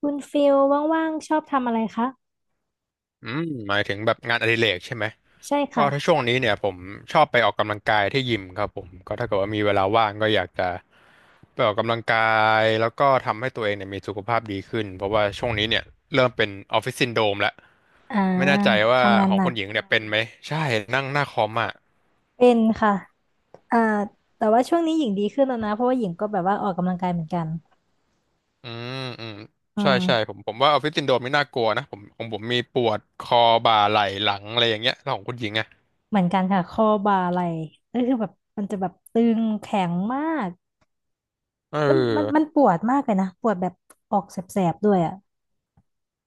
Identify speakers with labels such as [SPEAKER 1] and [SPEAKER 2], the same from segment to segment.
[SPEAKER 1] คุณฟิลว่างๆชอบทำอะไรคะ
[SPEAKER 2] อืมหมายถึงแบบงานอดิเรกใช่ไหม
[SPEAKER 1] ใช่
[SPEAKER 2] ก็
[SPEAKER 1] ค่ะ
[SPEAKER 2] ถ้าช่วงนี้เนี่ยผมชอบไปออกกำลังกายที่ยิมครับผมก็ถ้าเกิดว่ามีเวลาว่างก็อยากจะไปออกกำลังกายแล้วก็ทำให้ตัวเองเนี่ยมีสุขภาพดีขึ้นเพราะว่าช่วงนี้เนี่ยเริ่มเป็นออฟฟิศซินโดรมแล้ว
[SPEAKER 1] อ่า
[SPEAKER 2] ไม่แน่ใจว่า
[SPEAKER 1] ทำงาน
[SPEAKER 2] ขอ
[SPEAKER 1] ห
[SPEAKER 2] ง
[SPEAKER 1] นั
[SPEAKER 2] ค
[SPEAKER 1] ก
[SPEAKER 2] นหญิงเนี่ยเป็นไหมใช่นั่งหน้าคอมอ่ะ
[SPEAKER 1] เป็นค่ะอ่าแต่ว่าช่วงนี้หญิงดีขึ้นแล้วนะเพราะว่าหญิงก็แบบว่าออกกำลังกายเหมือนกัน
[SPEAKER 2] อืมอืม
[SPEAKER 1] อื
[SPEAKER 2] ใช่ใช่ผ
[SPEAKER 1] ม
[SPEAKER 2] มผมว่าออฟฟิศซินโดรมไม่น่ากลัวนะผมของผมมีปวดคอบ่าไหล่หลังอะไรอย่างเงี้ยแล้วของคุณหญิงอ่ะ
[SPEAKER 1] เหมือนกันค่ะข้อบ่าไหล่ก็คือแบบมันจะแบบตึงแข็งมาก
[SPEAKER 2] เ
[SPEAKER 1] แล้วมันมั
[SPEAKER 2] ออ
[SPEAKER 1] นปวดมากเลยนะปวดแบบออกแสบๆด้วยอ่ะ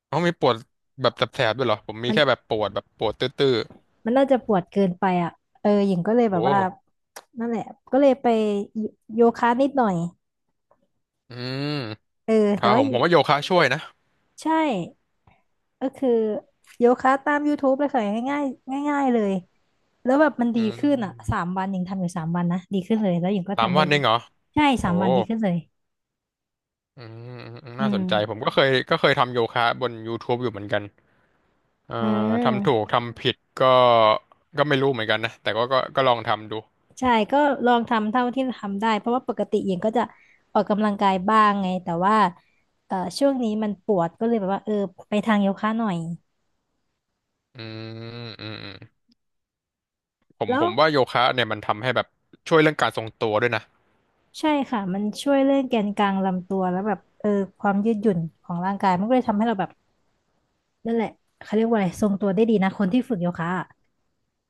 [SPEAKER 2] เขามีปวดแบบแสบๆด้วยเหรอผมมี
[SPEAKER 1] มัน
[SPEAKER 2] แค่แบบปวดแบบปวดตื้อๆ
[SPEAKER 1] มันน่าจะปวดเกินไปอ่ะเออหญิงก็เลยแบ
[SPEAKER 2] โอ้
[SPEAKER 1] บว่านั่นแหละก็เลยไปโยโยคะนิดหน่อย
[SPEAKER 2] อืม
[SPEAKER 1] เออ
[SPEAKER 2] ค
[SPEAKER 1] แต่
[SPEAKER 2] รับ
[SPEAKER 1] ว่า
[SPEAKER 2] ผมว่าโยคะช่วยนะ
[SPEAKER 1] ใช่ ก็คือโยคะตาม YouTube เลยค่ะง่ายๆง่ายๆเลยแล้วแบบมัน
[SPEAKER 2] อื
[SPEAKER 1] ดีขึ้นอ่ะสา
[SPEAKER 2] ม
[SPEAKER 1] มวันหญิงทำอยู่สามวันนะดีขึ้นเลยแล้วหญิงก็
[SPEAKER 2] สาม
[SPEAKER 1] ทำได้
[SPEAKER 2] วันเอ
[SPEAKER 1] เรื่อย
[SPEAKER 2] งเหรอ
[SPEAKER 1] ใช่สา
[SPEAKER 2] โอ้
[SPEAKER 1] มวันดีขึ้นเลย
[SPEAKER 2] อืมอืมอืม
[SPEAKER 1] อื
[SPEAKER 2] น่าส
[SPEAKER 1] ม
[SPEAKER 2] นใจผมก็เคยทำโยคะบน YouTube อยู่เหมือนกัน เอ่
[SPEAKER 1] อื
[SPEAKER 2] อทำถูก
[SPEAKER 1] ม
[SPEAKER 2] ทำผิดก็ก็ไม่รู้เหมือนกันนะ แต่ก็ลองทำดู
[SPEAKER 1] ใช่ก็ลองทำเท่าที่ทำได้เพราะว่าปกติหญิงก็จะออกกำลังกายบ้างไงแต่ว่าช่วงนี้มันปวดก็เลยแบบว่าเออไปทางโยคะหน่อย
[SPEAKER 2] อืมอืมอืมผม
[SPEAKER 1] แล้
[SPEAKER 2] ผ
[SPEAKER 1] ว
[SPEAKER 2] มว่าโยคะเนี่ยมันทำให้แบบช่วยเรื่องการทรงตัวด้วยนะ
[SPEAKER 1] ใช่ค่ะมันช่วยเรื่องแกนกลางลำตัวแล้วแบบเออความยืดหยุ่นของร่างกายมันก็เลยทำให้เราแบบ นั่นแหละเขาเรียกว่าอะไรทรงตัวได้ดีนะคนที่ฝึกโยคะอะ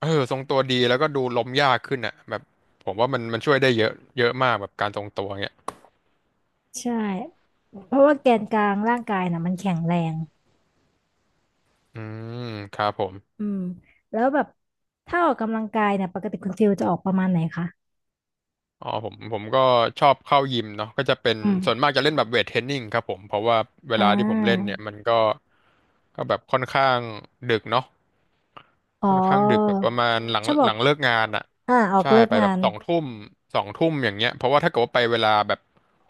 [SPEAKER 2] เออทรงตัวดีแล้วก็ดูล้มยากขึ้นอ่ะแบบผมว่ามันช่วยได้เยอะเยอะมากแบบการทรงตัวเงี้ย
[SPEAKER 1] ใช่เพราะว่าแกนกลางร่างกายนะมันแข็งแรง
[SPEAKER 2] อืมครับผม
[SPEAKER 1] อืมแล้วแบบถ้าออกกำลังกายเนี่ยปกติคุณฟิลจะออกประมาณไหนคะ
[SPEAKER 2] อ๋อผมก็ชอบเข้ายิมเนาะก็จะเป็น
[SPEAKER 1] อื
[SPEAKER 2] ส่วน
[SPEAKER 1] ม
[SPEAKER 2] มากจะเล่นแบบเวทเทรนนิ่งครับผมเพราะว่าเว
[SPEAKER 1] อ่
[SPEAKER 2] ลาที่ผมเล่น
[SPEAKER 1] า
[SPEAKER 2] เนี่ยมันก็แบบค่อนข้างดึกเนาะ
[SPEAKER 1] อ๋
[SPEAKER 2] ค่อนข้างดึกแบ
[SPEAKER 1] อ
[SPEAKER 2] บประมาณหลัง
[SPEAKER 1] ชอบอ
[SPEAKER 2] ห
[SPEAKER 1] อ
[SPEAKER 2] ลั
[SPEAKER 1] ก
[SPEAKER 2] งเลิกงานอ่ะ
[SPEAKER 1] ออก
[SPEAKER 2] ใช่
[SPEAKER 1] เลิก
[SPEAKER 2] ไป
[SPEAKER 1] งา
[SPEAKER 2] แบบ
[SPEAKER 1] น
[SPEAKER 2] สองทุ่มสองทุ่มอย่างเงี้ยเพราะว่าถ้าเกิดว่าไปเวลาแบบ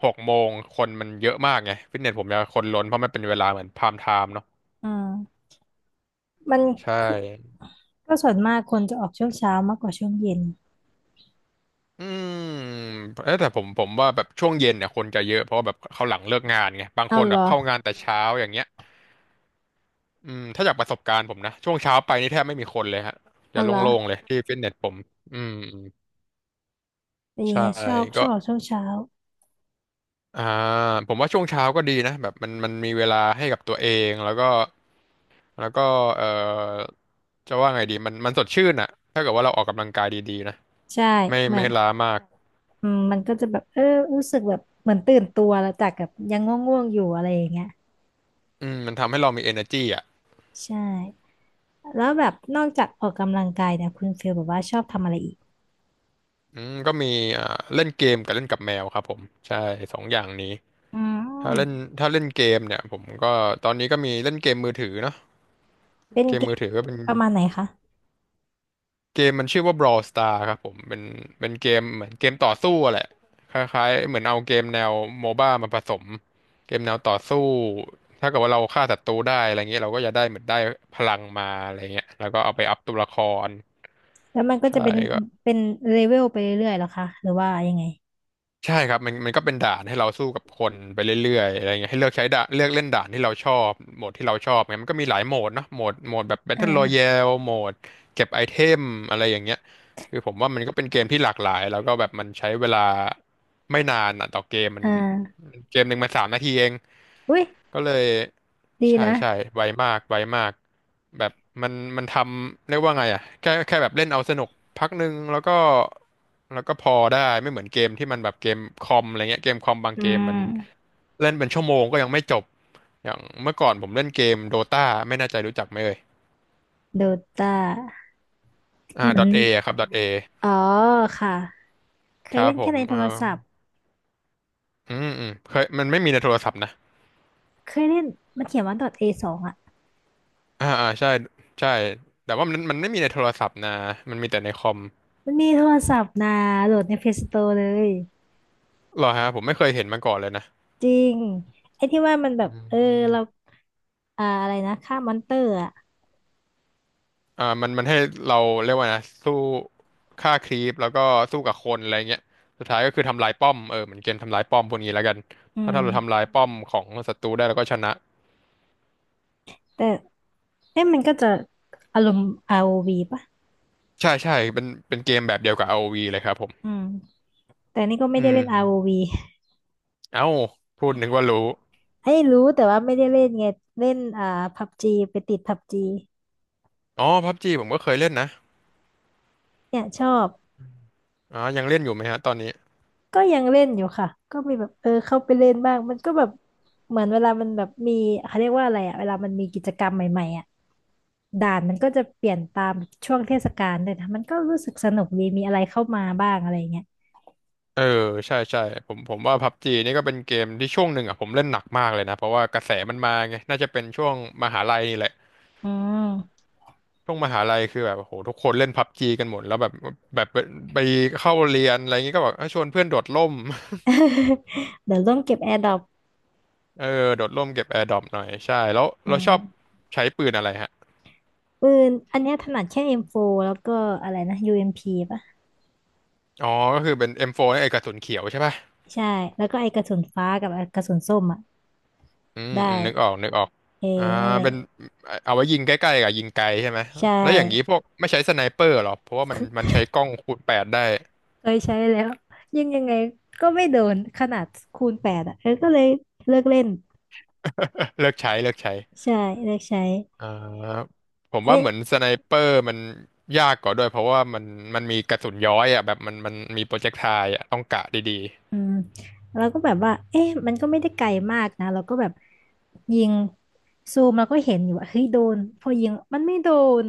[SPEAKER 2] 6 โมงคนมันเยอะมากไงฟิตเนสผมจะคนล้นเพราะมันเป็นเวลาเหมือนพามไทม์เนาะ
[SPEAKER 1] อ่ามัน
[SPEAKER 2] ใช่
[SPEAKER 1] คือก็ส่วนมากคนจะออกช่วงเช้ามากกว่าช่วงเย็น
[SPEAKER 2] อืมเอ๊ะแต่ผมว่าแบบช่วงเย็นเนี่ยคนจะเยอะเพราะว่าแบบเขาหลังเลิกงานไงบางค
[SPEAKER 1] เอา
[SPEAKER 2] น
[SPEAKER 1] เห
[SPEAKER 2] แบ
[SPEAKER 1] ร
[SPEAKER 2] บ
[SPEAKER 1] อ
[SPEAKER 2] เข้างานแต่เช้าอย่างเงี้ย อืมถ้าจากประสบการณ์ผมนะช่วงเช้าไปนี่แทบไม่มีคนเลยฮะจะ
[SPEAKER 1] เอาเหรอ
[SPEAKER 2] โล่งๆเลยที่ฟิตเนสผมอืมอืม
[SPEAKER 1] แต่ยิง
[SPEAKER 2] ใช่
[SPEAKER 1] อะช
[SPEAKER 2] ก็
[SPEAKER 1] อบออกช่วงเช้า
[SPEAKER 2] อ่าผมว่าช่วงเช้าก็ดีนะแบบมันมีเวลาให้กับตัวเองแล้วก็แล้วก็เอ่อจะว่าไงดีมันสดชื่นอะถ้าเกิดว่าเราออกกำลังกายดีๆนะ
[SPEAKER 1] ใช่
[SPEAKER 2] ไม่
[SPEAKER 1] เหมือ
[SPEAKER 2] ไม่
[SPEAKER 1] น
[SPEAKER 2] ล้ามาก
[SPEAKER 1] อืมมันก็จะแบบเออรู้สึกแบบเหมือนตื่นตัวแล้วจากแบบยังง่วงๆอยู่อะไรอย่างเงี้ย
[SPEAKER 2] อืมมันทำให้เรามี energy อ่ะ
[SPEAKER 1] ใช่แล้วแบบนอกจากออกกำลังกายเนี่ยคุณฟิลแบบว่าชอบทำอะไรอีก
[SPEAKER 2] อืมก็มีอ่าเล่นเกมกับเล่นกับแมวครับผมใช่สองอย่างนี้
[SPEAKER 1] อื
[SPEAKER 2] ถ้าเล่น
[SPEAKER 1] ม
[SPEAKER 2] ถ้าเล่นเกมเนี่ยผมก็ตอนนี้ก็มีเล่นเกมมือถือเนาะ
[SPEAKER 1] เป็น
[SPEAKER 2] เก
[SPEAKER 1] เก
[SPEAKER 2] มมื
[SPEAKER 1] ม
[SPEAKER 2] อถือก็เป็น
[SPEAKER 1] ประมาณไหนคะ
[SPEAKER 2] เกมมันชื่อว่า Brawl Star ครับผมเป็นเกมเหมือนเกมต่อสู้อะแหละคล้ายๆเหมือนเอาเกมแนวโมบ้ามาผสมเกมแนวต่อสู้ถ้าเกิดว่าเราฆ่าศัตรูได้อะไรเงี้ยเราก็จะได้เหมือนได้พลังมาอะไรเงี้ยแล้วก็เอาไปอัพตัวละคร
[SPEAKER 1] แล้วมันก็
[SPEAKER 2] ใช่
[SPEAKER 1] จะเป็น
[SPEAKER 2] ก็
[SPEAKER 1] เป็นเลเวลไปเรื่อยๆเหรอคะหรือว่ายังไง
[SPEAKER 2] ใช่ครับมันก็เป็นด่านให้เราสู้กับคนไปเรื่อยๆอะไรเงี้ยให้เลือกใช้ด่านเลือกเล่นด่านที่เราชอบโหมดที่เราชอบไงมันก็มีหลายโหมดเนาะโหมดแบบ
[SPEAKER 1] อ
[SPEAKER 2] Battle
[SPEAKER 1] ่า
[SPEAKER 2] Royale โหมดเก็บไอเทมอะไรอย่างเงี้ยคือผมว่ามันก็เป็นเกมที่หลากหลายแล้วก็แบบมันใช้เวลาไม่นานอะต่อเกมมั
[SPEAKER 1] อ่
[SPEAKER 2] น
[SPEAKER 1] า
[SPEAKER 2] เกมหนึ่งมัน3 นาทีเอง
[SPEAKER 1] อุ้ย
[SPEAKER 2] ก็เลย
[SPEAKER 1] ดี
[SPEAKER 2] ใช่
[SPEAKER 1] นะ
[SPEAKER 2] ใช่ไวมากไวมากแบบมันมันทำเรียกว่าไงอ่ะแค่แบบเล่นเอาสนุกพักหนึ่งแล้วก็แล้วก็พอได้ไม่เหมือนเกมที่มันแบบเกมคอมอะไรเงี้ยเกมคอมบาง
[SPEAKER 1] อื
[SPEAKER 2] เกมมัน
[SPEAKER 1] ม
[SPEAKER 2] เล่นเป็นชั่วโมงก็ยังไม่จบอย่างเมื่อก่อนผมเล่นเกมโดตาไม่แน่ใจรู้จักไหมเอ่ย
[SPEAKER 1] โดตา
[SPEAKER 2] อ่า
[SPEAKER 1] เหมือน
[SPEAKER 2] .A อะครับ .A
[SPEAKER 1] อ๋อค่ะเค
[SPEAKER 2] ค
[SPEAKER 1] ย
[SPEAKER 2] รั
[SPEAKER 1] เล่
[SPEAKER 2] บ
[SPEAKER 1] น
[SPEAKER 2] ผ
[SPEAKER 1] แค่
[SPEAKER 2] ม
[SPEAKER 1] ในโท
[SPEAKER 2] เอ่า
[SPEAKER 1] รศัพท์
[SPEAKER 2] ออืมอืมเคยมันไม่มีในโทรศัพท์นะ
[SPEAKER 1] เคยเล่นมันเขียนว่า .a สองอะ
[SPEAKER 2] อ่าอ่าใช่ใช่แต่ว่ามันไม่มีในโทรศัพท์นะมันมีแต่ในคอม
[SPEAKER 1] มันมีโทรศัพท์นะโหลดใน Play Store เลย
[SPEAKER 2] เหรอฮะผมไม่เคยเห็นมาก่อนเลยนะ
[SPEAKER 1] จริงไอ้ที่ว่ามันแบ
[SPEAKER 2] อ
[SPEAKER 1] บเออ
[SPEAKER 2] ืม
[SPEAKER 1] เราอะไรนะฆ่ามอนเตอร์อ่ะ
[SPEAKER 2] อ่ามันให้เราเรียกว่านะสู้ฆ่าครีปแล้วก็สู้กับคนอะไรเงี้ยสุดท้ายก็คือทำลายป้อมเออเหมือนเกมทำลายป้อมพวกนี้แล้วกัน
[SPEAKER 1] อื
[SPEAKER 2] ถ้าเราทำ
[SPEAKER 1] ม
[SPEAKER 2] ลายป้อมของศัตรูได้เราก็ชนะ
[SPEAKER 1] แต่เอ๊ะมันก็จะอารมณ์อาร์โอวีป่ะ
[SPEAKER 2] ใช่ใช่เป็นเกมแบบเดียวกับ a วีเลยครับผม
[SPEAKER 1] อืมแต่นี่ก็ไม่
[SPEAKER 2] อื
[SPEAKER 1] ได้เล่นอาร์โอ
[SPEAKER 2] ม
[SPEAKER 1] วี
[SPEAKER 2] เอ้าพูดนึกว่ารู้
[SPEAKER 1] ไอ้ยรู้แต่ว่าไม่ได้เล่นไงเล่นพับจีไปติดพับจี
[SPEAKER 2] อ๋อพับจีผมก็เคยเล่นนะ
[SPEAKER 1] เนี่ยชอบ
[SPEAKER 2] อ๋อยังเล่นอยู่ไหมฮะตอนนี้
[SPEAKER 1] ก็ยังเล่นอยู่ค่ะก็มีแบบเออเข้าไปเล่นบ้างมันก็แบบเหมือนเวลามันแบบมีเขาเรียกว่าอะไรอ่ะเวลามันมีกิจกรรมใหม่ๆอ่ะ ด่านมันก็จะเปลี่ยนตามช่วงเทศกาลเลยนะมันก็รู้สึกสนุกดีมีอะไรเข้ามาบ้างอะไรเงี้ย
[SPEAKER 2] เออใช่ใช่ผมว่าพับจีนี่ก็เป็นเกมที่ช่วงหนึ่งอ่ะผมเล่นหนักมากเลยนะเพราะว่ากระแสมันมาไงน่าจะเป็นช่วงมหาลัยนี่แหละ
[SPEAKER 1] อืม
[SPEAKER 2] ช่วงมหาลัยคือแบบโอ้โหทุกคนเล่นพับจีกันหมดแล้วแบบแบบไปเข้าเรียนอะไรอย่างงี้ก็แบบเอ้ยชวนเพื่อนโดดร่ม
[SPEAKER 1] เดี๋ยวร่วมเก็บแอร์ดรอป
[SPEAKER 2] เออโดดร่มเก็บแอร์ดรอปหน่อยใช่แล้ว
[SPEAKER 1] อื
[SPEAKER 2] เราชอบ
[SPEAKER 1] ม
[SPEAKER 2] ใช้ปืนอะไรฮะ
[SPEAKER 1] ปืนอันเนี้ยถนัดแค่ M4 แล้วก็อะไรนะ UMP ป่ะ
[SPEAKER 2] อ๋อก็คือเป็น M4 ไอ้กระสุนเขียวใช่ป่ะ
[SPEAKER 1] ใช่แล้วก็ไอกระสุนฟ้ากับไอ้กระสุนส้มอ่ะ
[SPEAKER 2] อืม
[SPEAKER 1] ได้
[SPEAKER 2] อืมนึกออกนึกออก
[SPEAKER 1] เออ
[SPEAKER 2] อ่า
[SPEAKER 1] นั่นแหละ
[SPEAKER 2] เป็นเอาไว้ยิงใกล้ๆกับยิงไกลใช่ไหม
[SPEAKER 1] ใช่
[SPEAKER 2] แล้วอย่างนี้พวกไม่ใช้สไนเปอร์หรอเพราะว่ามันใช้กล้องคูณแปดได้
[SPEAKER 1] เคยใช้แล้วยังไงก็ไม่โดนขนาดคูณแปดอ่ะเออก็เลยเลิกเล่น
[SPEAKER 2] เลิกใช้เลิกใช้
[SPEAKER 1] ใช่เลิกใช้
[SPEAKER 2] เอ่อผม
[SPEAKER 1] เอ้
[SPEAKER 2] ว่า
[SPEAKER 1] ย
[SPEAKER 2] เหมือนสไนเปอร์มันยากกว่าด้วยเพราะว่ามันมีกระสุนย้อยอ่ะแบบมันมีโปรเจกไทล์อ่ะต้องกะดี
[SPEAKER 1] อืมเราก็แบบว่าเอ๊ะมันก็ไม่ได้ไกลมากนะเราก็แบบยิงซูมเราก็เห็นอยู่ว่าเฮ้ยโดนพอยิงมันไม่โดน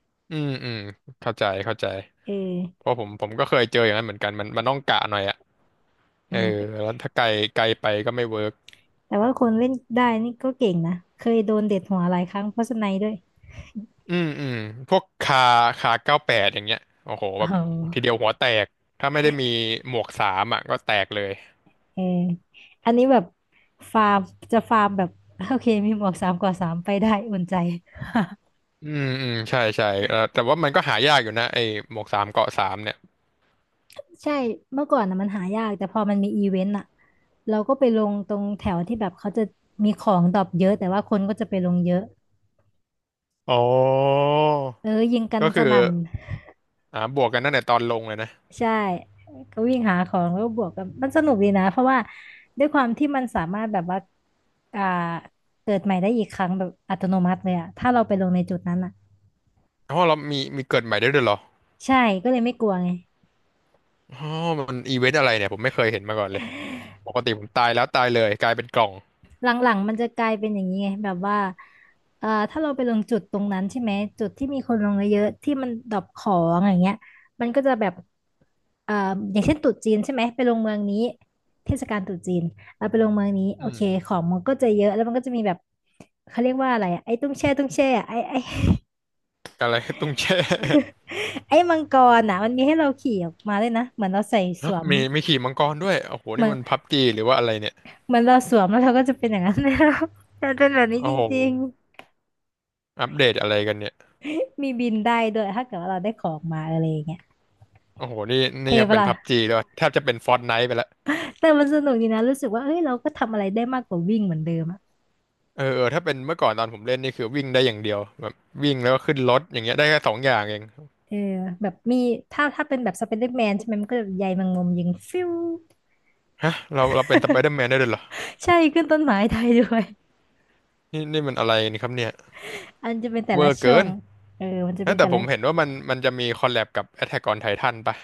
[SPEAKER 2] ๆ อืมอืมเข้าใจเข้าใจ
[SPEAKER 1] เออ
[SPEAKER 2] เพราะผมก็เคยเจออย่างนั้นเหมือนกันมันต้องกะหน่อยอ่ะ
[SPEAKER 1] อื
[SPEAKER 2] เออ
[SPEAKER 1] มแต่
[SPEAKER 2] แล้วถ้าไกลไกลไปก็ไม่เวิร์ก
[SPEAKER 1] แต่ว่าคนเล่นได้นี่ก็เก่งนะเคยโดนเด็ดหัวหลายครั้งเพราะสไนด์ด้วย
[SPEAKER 2] อืมอืมพวกคาเก้าแปดอย่างเงี้ยโอ้โหแบบทีเดี
[SPEAKER 1] ออ
[SPEAKER 2] ยวหัวแตกถ้าไม่ได้มีหมวกสามอ่ะก็แตกเลย
[SPEAKER 1] เอออันนี้แบบฟาร์มจะฟาร์มแบบโอเคมีหมวกสามกว่าสามไปได้อุ่นใจ
[SPEAKER 2] อืมอืมใช่ใช่แต่ว่ามันก็หายากอยู่นะไอ้หมวกสามเกาะสามเนี่ย
[SPEAKER 1] ใช่เมื่อก่อนนะมันหายากแต่พอมันมีอีเวนต์อ่ะเราก็ไปลงตรงแถวที่แบบเขาจะมีของดรอปเยอะแต่ว่าคนก็จะไปลงเยอะ
[SPEAKER 2] อ๋อ
[SPEAKER 1] เออยิงกัน
[SPEAKER 2] ก็
[SPEAKER 1] ส
[SPEAKER 2] คือ
[SPEAKER 1] นั่น
[SPEAKER 2] อ่าบวกกันตั้งแต่ตอนลงเลยนะ
[SPEAKER 1] ใช่ก็วิ่งหาของแล้วก็บวกกันมันสนุกดีนะเพราะว่าด้วยความที่มันสามารถแบบว่าอ่าเกิดใหม่ได้อีกครั้งแบบอัตโนมัติเลยอะถ้าเราไปลงในจุดนั้นอะ
[SPEAKER 2] เพราะเรามีเกิดใหม่ได้ด้วยเหรอ
[SPEAKER 1] ใช่ก็เลยไม่กลัวไง
[SPEAKER 2] อ๋อมันอีเวนต์อะไรเนี่ยผมไม่เคยเห็นมาก่อนเลย ปกติผมตายแล้วตายเลยกลายเป็นกล่อง
[SPEAKER 1] หลังๆมันจะกลายเป็นอย่างนี้ไงแบบว่าถ้าเราไปลงจุดตรงนั้นใช่ไหมจุดที่มีคนลงเยอะๆที่มันดรอปของอย่างเงี้ยมันก็จะแบบเอ่ออย่างเช่นตรุษจีนใช่ไหมไปลงเมืองนี้เทศกาลตรุษจีนเราไปลงเมืองนี้โอ
[SPEAKER 2] อืม
[SPEAKER 1] เคของมันก็จะเยอะแล้วมันก็จะมีแบบเขาเรียกว่าอะไรอะไอ้ตุ้งแช่อะไอ้
[SPEAKER 2] อะไรตุ้งแช่
[SPEAKER 1] ไอ้มังกรอ่ะมันมีให้เราขี่ออกมาด้วยนะเหมือนเราใส่สวม
[SPEAKER 2] มีขี่มังกรด้วยโอ้โห
[SPEAKER 1] เห
[SPEAKER 2] นี่
[SPEAKER 1] มือน
[SPEAKER 2] มันพับจีหรือว่าอะไรเนี่ย
[SPEAKER 1] เหมือนเราสวมแล้วเราก็จะเป็นอย่างนั้น แล้ว มันเป็นแบบนี้
[SPEAKER 2] โอ้
[SPEAKER 1] จ
[SPEAKER 2] โห
[SPEAKER 1] ริง
[SPEAKER 2] อัปเดตอะไรกันเนี่ย
[SPEAKER 1] มีบินได้ด้วยถ้าเกิดว่าเราได้ของมาอะไรอย่างเงี้ย
[SPEAKER 2] โอ้โหนี่
[SPEAKER 1] เท
[SPEAKER 2] นี่ยัง
[SPEAKER 1] ปะ
[SPEAKER 2] เป็นพับ
[SPEAKER 1] ล่ะ
[SPEAKER 2] จีด้วยแทบจะเป็นฟอร์ n ไน e ์ไปละ
[SPEAKER 1] แต่มันสนุกดีนะรู้สึกว่าเอ้ยเราก็ทำอะไรได้มากกว่าวิ่งเหมือนเดิมอะ
[SPEAKER 2] เออเออ ถ้าเป็นเมื่อก่อนตอนผมเล่นนี่คือวิ่งได้อย่างเดียวแบบวิ่งแล้วก็ขึ้นรถอย่างเงี้ยได้แค่สองอย่างเอง
[SPEAKER 1] เออแบบมีถ้าเป็นแบบสไปเดอร์แมนใช่ไหมมันก็แบบใยแมงมุมยิงฟิว
[SPEAKER 2] ฮะเราเป็นสไปเดอร์แมนได้ด้วยเหรอ
[SPEAKER 1] ใช่ขึ้นต้นไม้ได้ด้วย
[SPEAKER 2] นี่นี่มันอะไรนี่ครับเนี่ย
[SPEAKER 1] อันจะเป็นแต่
[SPEAKER 2] เว
[SPEAKER 1] ละ
[SPEAKER 2] อร์
[SPEAKER 1] ช่
[SPEAKER 2] เกิ
[SPEAKER 1] วง
[SPEAKER 2] น
[SPEAKER 1] เออมันจะเป็
[SPEAKER 2] นะ
[SPEAKER 1] น
[SPEAKER 2] แต่
[SPEAKER 1] แต่
[SPEAKER 2] ผ
[SPEAKER 1] ละ
[SPEAKER 2] มเห็นว่ามันจะมีคอลแลบกับ Attack on Titan ปะ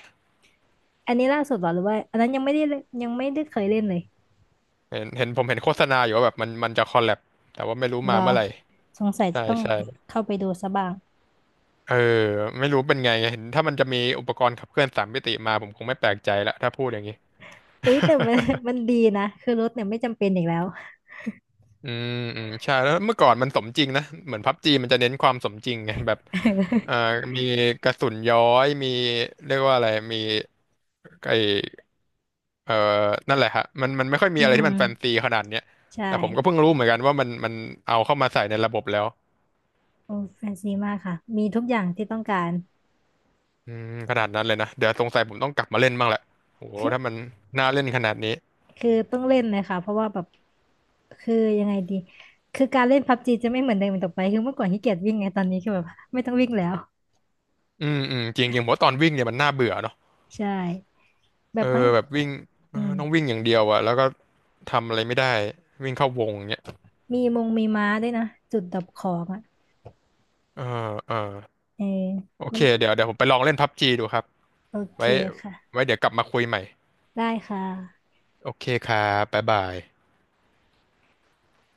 [SPEAKER 1] อันนี้ล่าสุดเหรอหรือว่าอันนั้นยังไม่ได้เล่นยังไม่ได้เคยเล่นเลย
[SPEAKER 2] เห็นเห็นผมเห็นโฆษณาอยู่ว่าแบบมันจะคอลแลบแต่ว่าไม่รู้
[SPEAKER 1] เหร
[SPEAKER 2] มา
[SPEAKER 1] อ
[SPEAKER 2] เมื่อไหร่
[SPEAKER 1] สงสัย
[SPEAKER 2] ใช่
[SPEAKER 1] จะต้อง
[SPEAKER 2] ใช่
[SPEAKER 1] เข้าไปดูซะบ้าง
[SPEAKER 2] เออไม่รู้เป็นไงเห็นถ้ามันจะมีอุปกรณ์ขับเคลื่อนสามมิติมาผมคงไม่แปลกใจละถ้าพูดอย่างนี้
[SPEAKER 1] เอ้ยแต่มัน มันดีนะคือรถเนี่ยไม่จำเป็นอีกแล้ว
[SPEAKER 2] อืมอืมใช่แล้วเมื่อก่อนมันสมจริงนะเหมือนพับจีมันจะเน้นความสมจริงไงแบบเอ่อ มีกระสุนย้อยมีเรียกว่าอะไรมีไอ เออนั่นแหละฮะมันไม่ค่อยมี
[SPEAKER 1] อื
[SPEAKER 2] อะไรที่
[SPEAKER 1] ม
[SPEAKER 2] มันแฟนซีขนาดเนี้ย
[SPEAKER 1] ใช่
[SPEAKER 2] แต่ผมก็เพิ่งรู้เหมือนกันว่ามันเอาเข้ามาใส่ในระบบแล้ว
[SPEAKER 1] โอ้แฟนซีมากค่ะมีทุกอย่างที่ต้องการ
[SPEAKER 2] อืมขนาดนั้นเลยนะ เดี๋ยวสงสัยผมต้องกลับมาเล่นบ้างแหละโห
[SPEAKER 1] คือ
[SPEAKER 2] ถ้ามันน่าเล่นขนาดนี้
[SPEAKER 1] คือต้องเล่นเลยค่ะเพราะว่าแบบคือยังไงดีคือการเล่นพับจีจะไม่เหมือนเดิมอีกต่อไปคือเมื่อก่อนขี้เกียจวิ่งไงตอนนี้คือแบบไม่ต้องวิ่งแล้ว
[SPEAKER 2] อืมอืมจริงจริงผมว่าตอนวิ่งเนี่ยมันน่าเบื่อเนาะ
[SPEAKER 1] ใช่แบ
[SPEAKER 2] เอ
[SPEAKER 1] บบา
[SPEAKER 2] อ
[SPEAKER 1] ง
[SPEAKER 2] แบบวิ่งเอ
[SPEAKER 1] อื
[SPEAKER 2] อ
[SPEAKER 1] ม
[SPEAKER 2] ต้องวิ่งอย่างเดียวอะแล้วก็ทำอะไรไม่ได้วิ่งเข้าวงเนี้ย
[SPEAKER 1] มีมงมีม้าด้วยนะจุดดับของอ่ะ
[SPEAKER 2] เออเออ
[SPEAKER 1] เออ
[SPEAKER 2] โอ
[SPEAKER 1] มั
[SPEAKER 2] เค
[SPEAKER 1] น
[SPEAKER 2] เดี๋ยวผมไปลองเล่นพับจีดูครับ
[SPEAKER 1] โอเค
[SPEAKER 2] ไว้
[SPEAKER 1] ค่ะ
[SPEAKER 2] ไว้เดี๋ยวกลับมาคุยใหม่
[SPEAKER 1] ได้ค่ะ
[SPEAKER 2] โอเคครับบ๊ายบาย